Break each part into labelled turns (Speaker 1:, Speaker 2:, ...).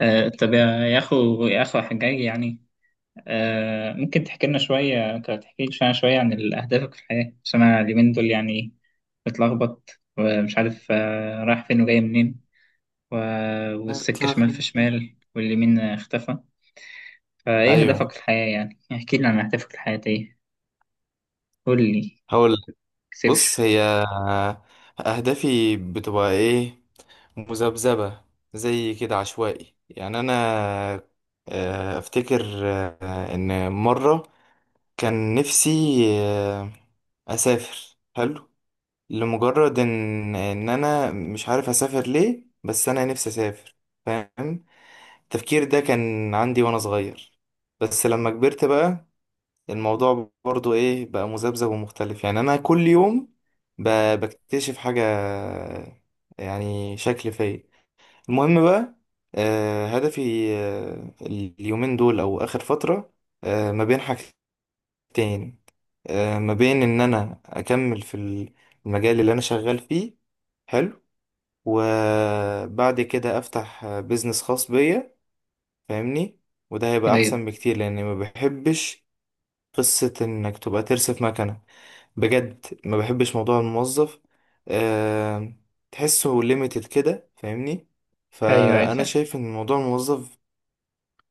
Speaker 1: طب يا أخو حجاج يعني ممكن تحكي لي شوية شوية عن أهدافك في الحياة، عشان أنا اليومين دول يعني متلخبط ومش عارف رايح فين وجاي منين و- والسكة
Speaker 2: اتلغى.
Speaker 1: شمال في
Speaker 2: من-
Speaker 1: شمال واليمين اختفى. فإيه هدفك
Speaker 2: ايوه،
Speaker 1: في الحياة؟ يعني احكي لي عن أهدافك الحياتية. قول لي،
Speaker 2: هقول لك. بص،
Speaker 1: مكسفش.
Speaker 2: هي اهدافي بتبقى ايه؟ مذبذبه، زي كده عشوائي. يعني انا، افتكر ان مره كان نفسي آه، اسافر، حلو، لمجرد ان انا مش عارف اسافر ليه، بس انا نفسي اسافر، فاهم؟ التفكير ده كان عندي وانا صغير، بس لما كبرت بقى الموضوع برضو ايه بقى، مذبذب ومختلف. يعني انا كل يوم بكتشف حاجة، يعني شكل فيا. المهم بقى، هدفي اليومين دول او اخر فترة ما بين حاجتين، ما بين ان انا اكمل في المجال اللي انا شغال فيه، حلو، وبعد كده افتح بيزنس خاص بيا، فاهمني؟ وده هيبقى
Speaker 1: أيوه،
Speaker 2: احسن بكتير لاني ما بحبش قصة انك تبقى ترسف مكنة. بجد ما بحبش موضوع الموظف، أه، تحسه ليميتد كده، فاهمني؟
Speaker 1: أيوه، أيوه،
Speaker 2: فانا
Speaker 1: فاهم.
Speaker 2: شايف ان موضوع الموظف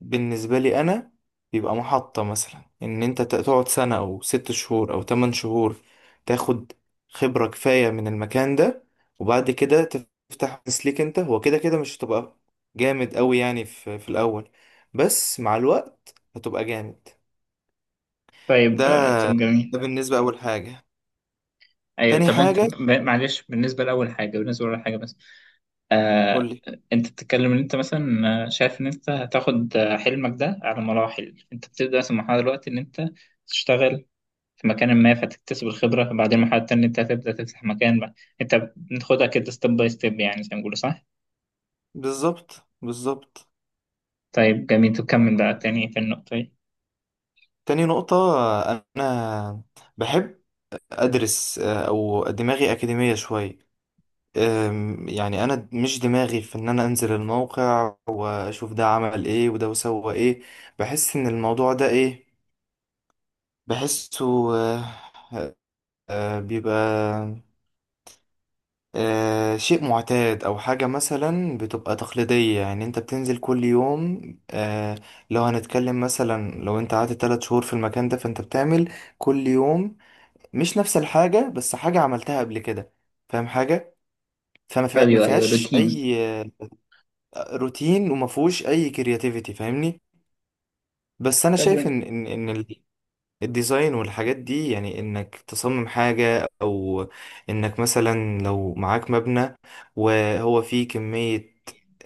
Speaker 2: بالنسبه لي انا بيبقى محطه، مثلا ان انت تقعد سنه او ست شهور او تمن شهور، تاخد خبره كفايه من المكان ده، وبعد كده تفتح بزنس ليك انت. هو كده كده مش هتبقى جامد قوي يعني في الاول، بس مع الوقت هتبقى جامد. ده،
Speaker 1: طيب، طب جميل.
Speaker 2: ده بالنسبه اول حاجه.
Speaker 1: أيوه.
Speaker 2: تاني
Speaker 1: طب أنت
Speaker 2: حاجه،
Speaker 1: معلش، بالنسبة لأول حاجة بس. آه،
Speaker 2: قولي.
Speaker 1: انت بتتكلم ان انت مثلا شايف ان انت هتاخد حلمك ده على مراحل. انت بتبدا مثلا مرحله دلوقتي ان انت تشتغل في مكان ما فتكتسب الخبره، بعدين مرحله تانية انت هتبدا تفتح مكان بقى. انت بتاخدها كده ستيب باي ستيب، يعني زي ما بيقولوا، صح؟
Speaker 2: بالظبط بالظبط.
Speaker 1: طيب جميل. تكمل بقى تاني في النقطه دي.
Speaker 2: تاني نقطة، أنا بحب أدرس، أو دماغي أكاديمية شوية. يعني أنا مش دماغي في إن أنا أنزل الموقع وأشوف ده عمل إيه وده وسوى إيه. بحس إن الموضوع ده إيه، بحسه، بيبقى شيء معتاد، او حاجة مثلا بتبقى تقليدية. يعني انت بتنزل كل يوم، آه، لو هنتكلم مثلا، لو انت قعدت تلات شهور في المكان ده فانت بتعمل كل يوم مش نفس الحاجة، بس حاجة عملتها قبل كده، فاهم حاجة؟ ما
Speaker 1: ايوه، ايوه،
Speaker 2: فيهاش
Speaker 1: روتين.
Speaker 2: اي روتين، وما فيهوش اي كرياتيفيتي، فاهمني؟ بس انا
Speaker 1: طب
Speaker 2: شايف
Speaker 1: وين؟
Speaker 2: ان الديزاين والحاجات دي، يعني انك تصمم حاجة، او انك مثلا لو معاك مبنى وهو فيه كمية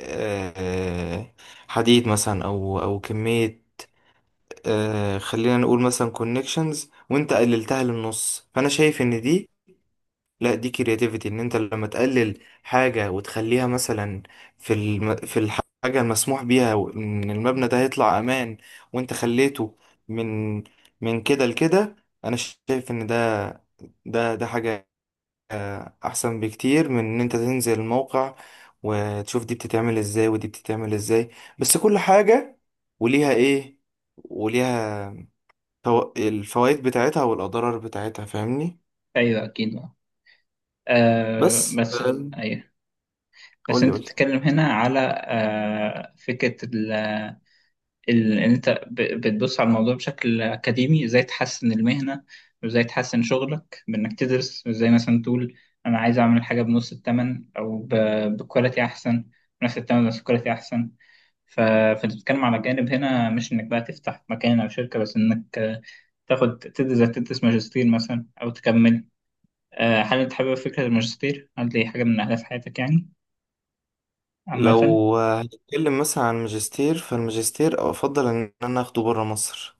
Speaker 2: آه، حديد مثلا، او كمية، خلينا نقول مثلا كونكشنز، وانت قللتها للنص، فانا شايف ان دي، لا دي كرياتيفيتي، ان انت لما تقلل حاجة وتخليها مثلا في في الحاجة المسموح بيها، ان المبنى ده هيطلع امان وانت خليته من من كده لكده، انا شايف ان ده حاجة احسن بكتير من ان انت تنزل الموقع وتشوف دي بتتعمل ازاي ودي بتتعمل ازاي. بس كل حاجة وليها ايه، وليها الفوائد بتاعتها والاضرار بتاعتها، فاهمني؟
Speaker 1: ايوه اكيد.
Speaker 2: بس
Speaker 1: بس، ايوه. بس
Speaker 2: قولي
Speaker 1: انت
Speaker 2: قولي.
Speaker 1: بتتكلم هنا على فكره ان انت بتبص على الموضوع بشكل اكاديمي، ازاي تحسن المهنه وازاي تحسن شغلك بانك تدرس. ازاي مثلا تقول انا عايز اعمل حاجه بنص الثمن، او بكواليتي احسن بنفس الثمن بس كواليتي احسن. فانت بتتكلم على جانب هنا، مش انك بقى تفتح مكان او شركه، بس انك تاخد تدرس ماجستير مثلا او تكمل. هل انت حابب فكره الماجستير؟ هل دي حاجه من اهداف حياتك يعني عامه؟
Speaker 2: لو هنتكلم مثلا عن الماجستير، فالماجستير افضل ان انا اخده بره مصر.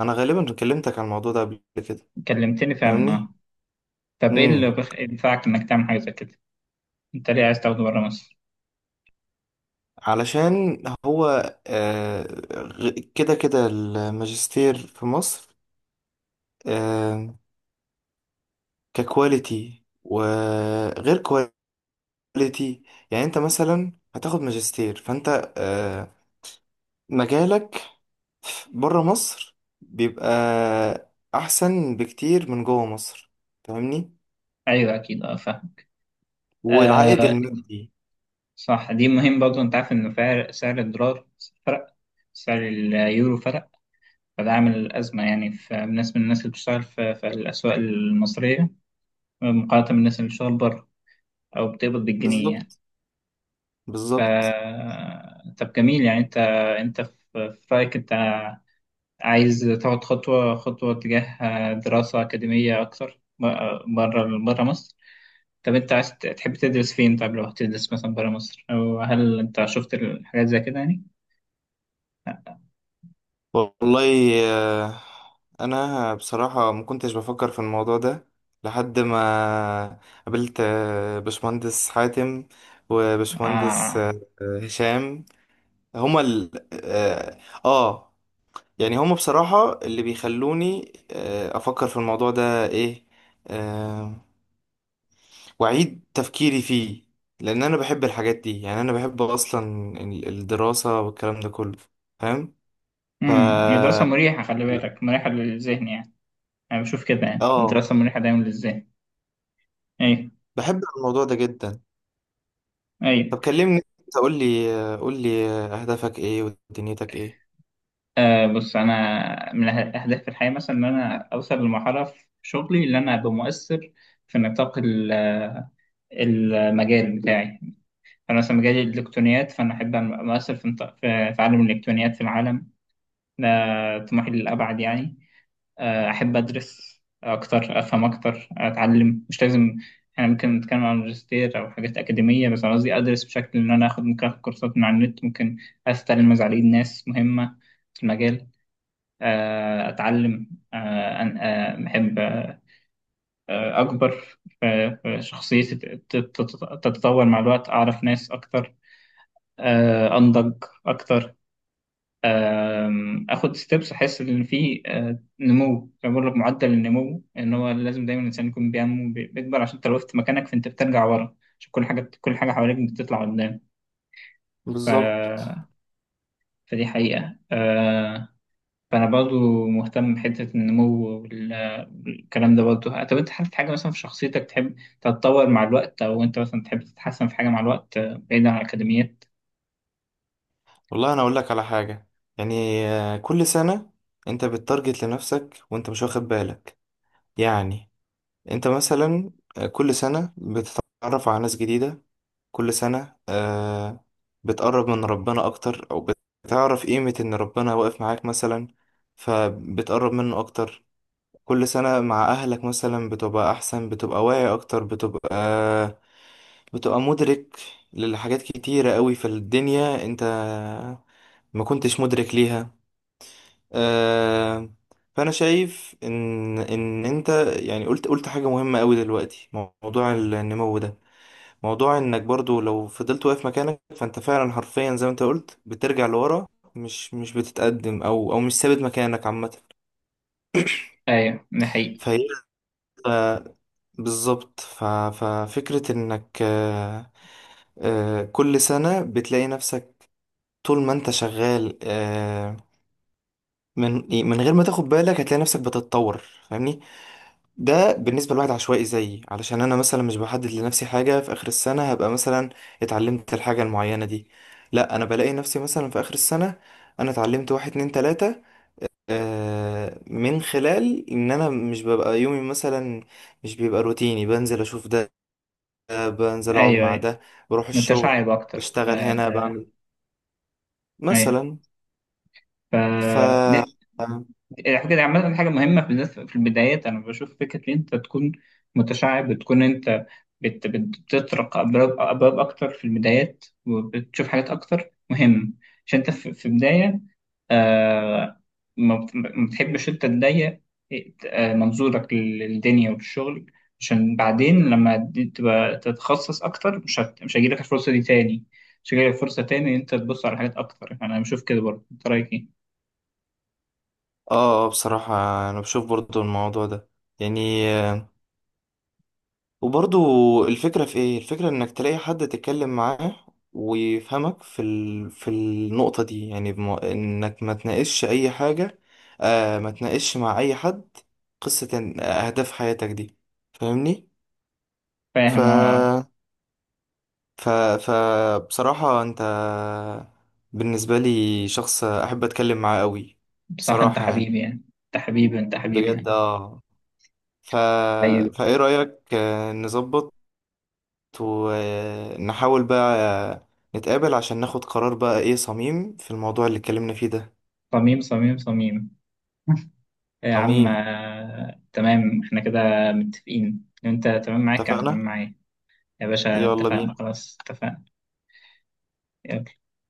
Speaker 2: انا غالبا كلمتك عن الموضوع ده قبل كده،
Speaker 1: كلمتني فعلا،
Speaker 2: فاهمني؟
Speaker 1: آه. طب ايه اللي
Speaker 2: امم،
Speaker 1: ينفعك انك تعمل حاجه زي كده؟ انت ليه عايز تاخده بره مصر؟
Speaker 2: علشان هو آه، كده كده الماجستير في مصر آه، ككواليتي وغير كواليتي، يعني انت مثلا هتاخد ماجستير، فانت مجالك بره مصر بيبقى احسن بكتير من جوه مصر، فاهمني؟
Speaker 1: ايوه اكيد، اه فاهم.
Speaker 2: والعائد
Speaker 1: آه
Speaker 2: المادي،
Speaker 1: صح، دي مهم برضه. انت عارف ان سعر الدولار فرق، سعر اليورو فرق. فده عامل ازمه يعني، في بالنسبه للناس اللي بتشتغل في الاسواق المصريه مقارنه بالناس اللي بتشتغل بره او بتقبض بالجنيه يعني.
Speaker 2: بالظبط بالظبط.
Speaker 1: ف طب جميل. يعني انت في رايك انت عايز تاخد خطوه خطوه تجاه دراسه اكاديميه اكتر بره مصر. طب انت عايز تحب تدرس فين؟ طب لو هتدرس مثلا برا مصر، او هل انت شفت الحاجات زي كده يعني؟ لا،
Speaker 2: والله انا بصراحة ما كنتش بفكر في الموضوع ده، لحد ما قابلت باشمهندس حاتم، وباشمهندس
Speaker 1: آه.
Speaker 2: هشام. هما ال اه، آه، يعني هما بصراحة اللي بيخلوني افكر في الموضوع ده ايه، آه، وأعيد تفكيري فيه. لأن أنا بحب الحاجات دي، يعني أنا بحب أصلا الدراسة والكلام ده كله، فاهم؟ ف،
Speaker 1: الدراسة مريحة، خلي
Speaker 2: لا.
Speaker 1: بالك، مريحة للذهن يعني. انا بشوف كده يعني،
Speaker 2: آه،
Speaker 1: الدراسة مريحة دايما للذهن. ايوه،
Speaker 2: بحب الموضوع ده جدا.
Speaker 1: ايوه.
Speaker 2: طب كلمني أنت، قول لي قول لي أهدافك إيه، ودنيتك إيه.
Speaker 1: بص، انا من اهداف في الحياة مثلا ان انا اوصل لمرحلة في شغلي اللي انا ابقى مؤثر في نطاق المجال بتاعي. انا مثلا مجالي الالكترونيات، فانا احب ابقى مؤثر في في عالم الالكترونيات، في العالم ده. طموحي للابعد يعني. أحب أدرس أكتر، أفهم أكتر، أتعلم. مش لازم إحنا ممكن نتكلم عن ماجستير أو حاجات أكاديمية، بس أنا قصدي أدرس بشكل إن أنا آخد، ممكن آخد كورسات من على النت، ممكن أستلم مزعلين ناس مهمة في المجال. أتعلم، أحب، أكبر في شخصيتي، تتطور مع الوقت، أعرف ناس أكتر، أنضج أكتر. اخد ستيبس، احس ان في نمو، زي ما بقول لك معدل النمو. ان هو لازم دايما الانسان يكون بينمو بيكبر، عشان انت لو وقفت مكانك فانت بترجع ورا، عشان كل حاجه حواليك بتطلع قدام. ف...
Speaker 2: بالظبط.
Speaker 1: فدي حقيقه. فانا برضو مهتم بحته النمو والكلام ده برضو. طب انت حابب حاجه مثلا في شخصيتك تحب تتطور مع الوقت، او انت مثلا تحب تتحسن في حاجه مع الوقت بعيدا عن الاكاديميات؟
Speaker 2: والله أنا أقول لك على حاجة. يعني كل سنة أنت بتتارجت لنفسك وأنت مش واخد بالك. يعني أنت مثلا كل سنة بتتعرف على ناس جديدة، كل سنة آه بتقرب من ربنا أكتر، أو بتعرف قيمة إن ربنا واقف معاك مثلا، فبتقرب منه أكتر. كل سنة مع أهلك مثلا بتبقى أحسن، بتبقى واعي أكتر، بتبقى مدرك لحاجات كتيرة قوي في الدنيا أنت ما كنتش مدرك ليها. آه، فأنا شايف إن أنت، يعني قلت حاجة مهمة قوي دلوقتي، موضوع النمو ده، موضوع انك برضو لو فضلت واقف مكانك فانت فعلا حرفيا زي ما انت قلت بترجع لورا، مش بتتقدم، او مش ثابت مكانك عامه.
Speaker 1: ايوه ده حقيقي.
Speaker 2: فهي، ف- بالظبط. ففكره انك كل سنه بتلاقي نفسك طول ما انت شغال، من من غير ما تاخد بالك هتلاقي نفسك بتتطور، فاهمني؟ ده بالنسبة لواحد عشوائي زيي، علشان أنا مثلا مش بحدد لنفسي حاجة في آخر السنة هبقى مثلا اتعلمت الحاجة المعينة دي، لا أنا بلاقي نفسي مثلا في آخر السنة أنا اتعلمت واحد اتنين تلاتة، من خلال إن أنا مش ببقى يومي مثلا مش بيبقى روتيني، بنزل أشوف ده، ده، بنزل أقعد
Speaker 1: ايوه،
Speaker 2: مع
Speaker 1: ايوه،
Speaker 2: ده، بروح الشغل،
Speaker 1: متشعب اكتر.
Speaker 2: بشتغل هنا، بعمل
Speaker 1: ايوه.
Speaker 2: مثلا.
Speaker 1: ف
Speaker 2: ف
Speaker 1: دي
Speaker 2: آه
Speaker 1: الحاجة دي عامة، حاجة مهمة بالذات في البدايات. أنا بشوف فكرة إن أنت تكون متشعب، بتكون أنت بتطرق أبواب أبواب أكتر في البدايات وبتشوف حاجات أكتر مهم، عشان أنت في بداية. آه ما بتحبش أنت تضيق منظورك للدنيا وللشغل، عشان بعدين لما دي تبقى تتخصص أكتر مش هيجيلك الفرصة دي تاني، مش هيجيلك فرصة تاني إن أنت تبص على حاجات أكتر. يعني أنا بشوف كده برضه، أنت رأيك إيه؟
Speaker 2: بصراحة أنا بشوف برضو الموضوع ده، يعني، وبرضو الفكرة في ايه، الفكرة انك تلاقي حد تتكلم معاه ويفهمك في في النقطة دي. يعني انك ما تناقشش اي حاجة، آه، ما تناقشش مع اي حد قصة اهداف حياتك دي، فاهمني؟ ف
Speaker 1: فاهم، اه.
Speaker 2: ف ف بصراحة انت بالنسبة لي شخص احب اتكلم معاه قوي،
Speaker 1: بصراحة انت
Speaker 2: بصراحة يعني،
Speaker 1: حبيبي يعني، انت حبيبي، انت حبيبي
Speaker 2: بجد
Speaker 1: يعني.
Speaker 2: اه. ف،
Speaker 1: ايوه،
Speaker 2: فايه رأيك نظبط ونحاول بقى نتقابل عشان ناخد قرار بقى ايه صميم في الموضوع اللي اتكلمنا فيه ده.
Speaker 1: صميم، صميم، صميم. يا عم،
Speaker 2: صميم.
Speaker 1: تمام. احنا كده متفقين، انت تمام معاك، انا
Speaker 2: اتفقنا.
Speaker 1: تمام معايا. يا باشا،
Speaker 2: يلا
Speaker 1: اتفقنا.
Speaker 2: بينا.
Speaker 1: خلاص، اتفقنا.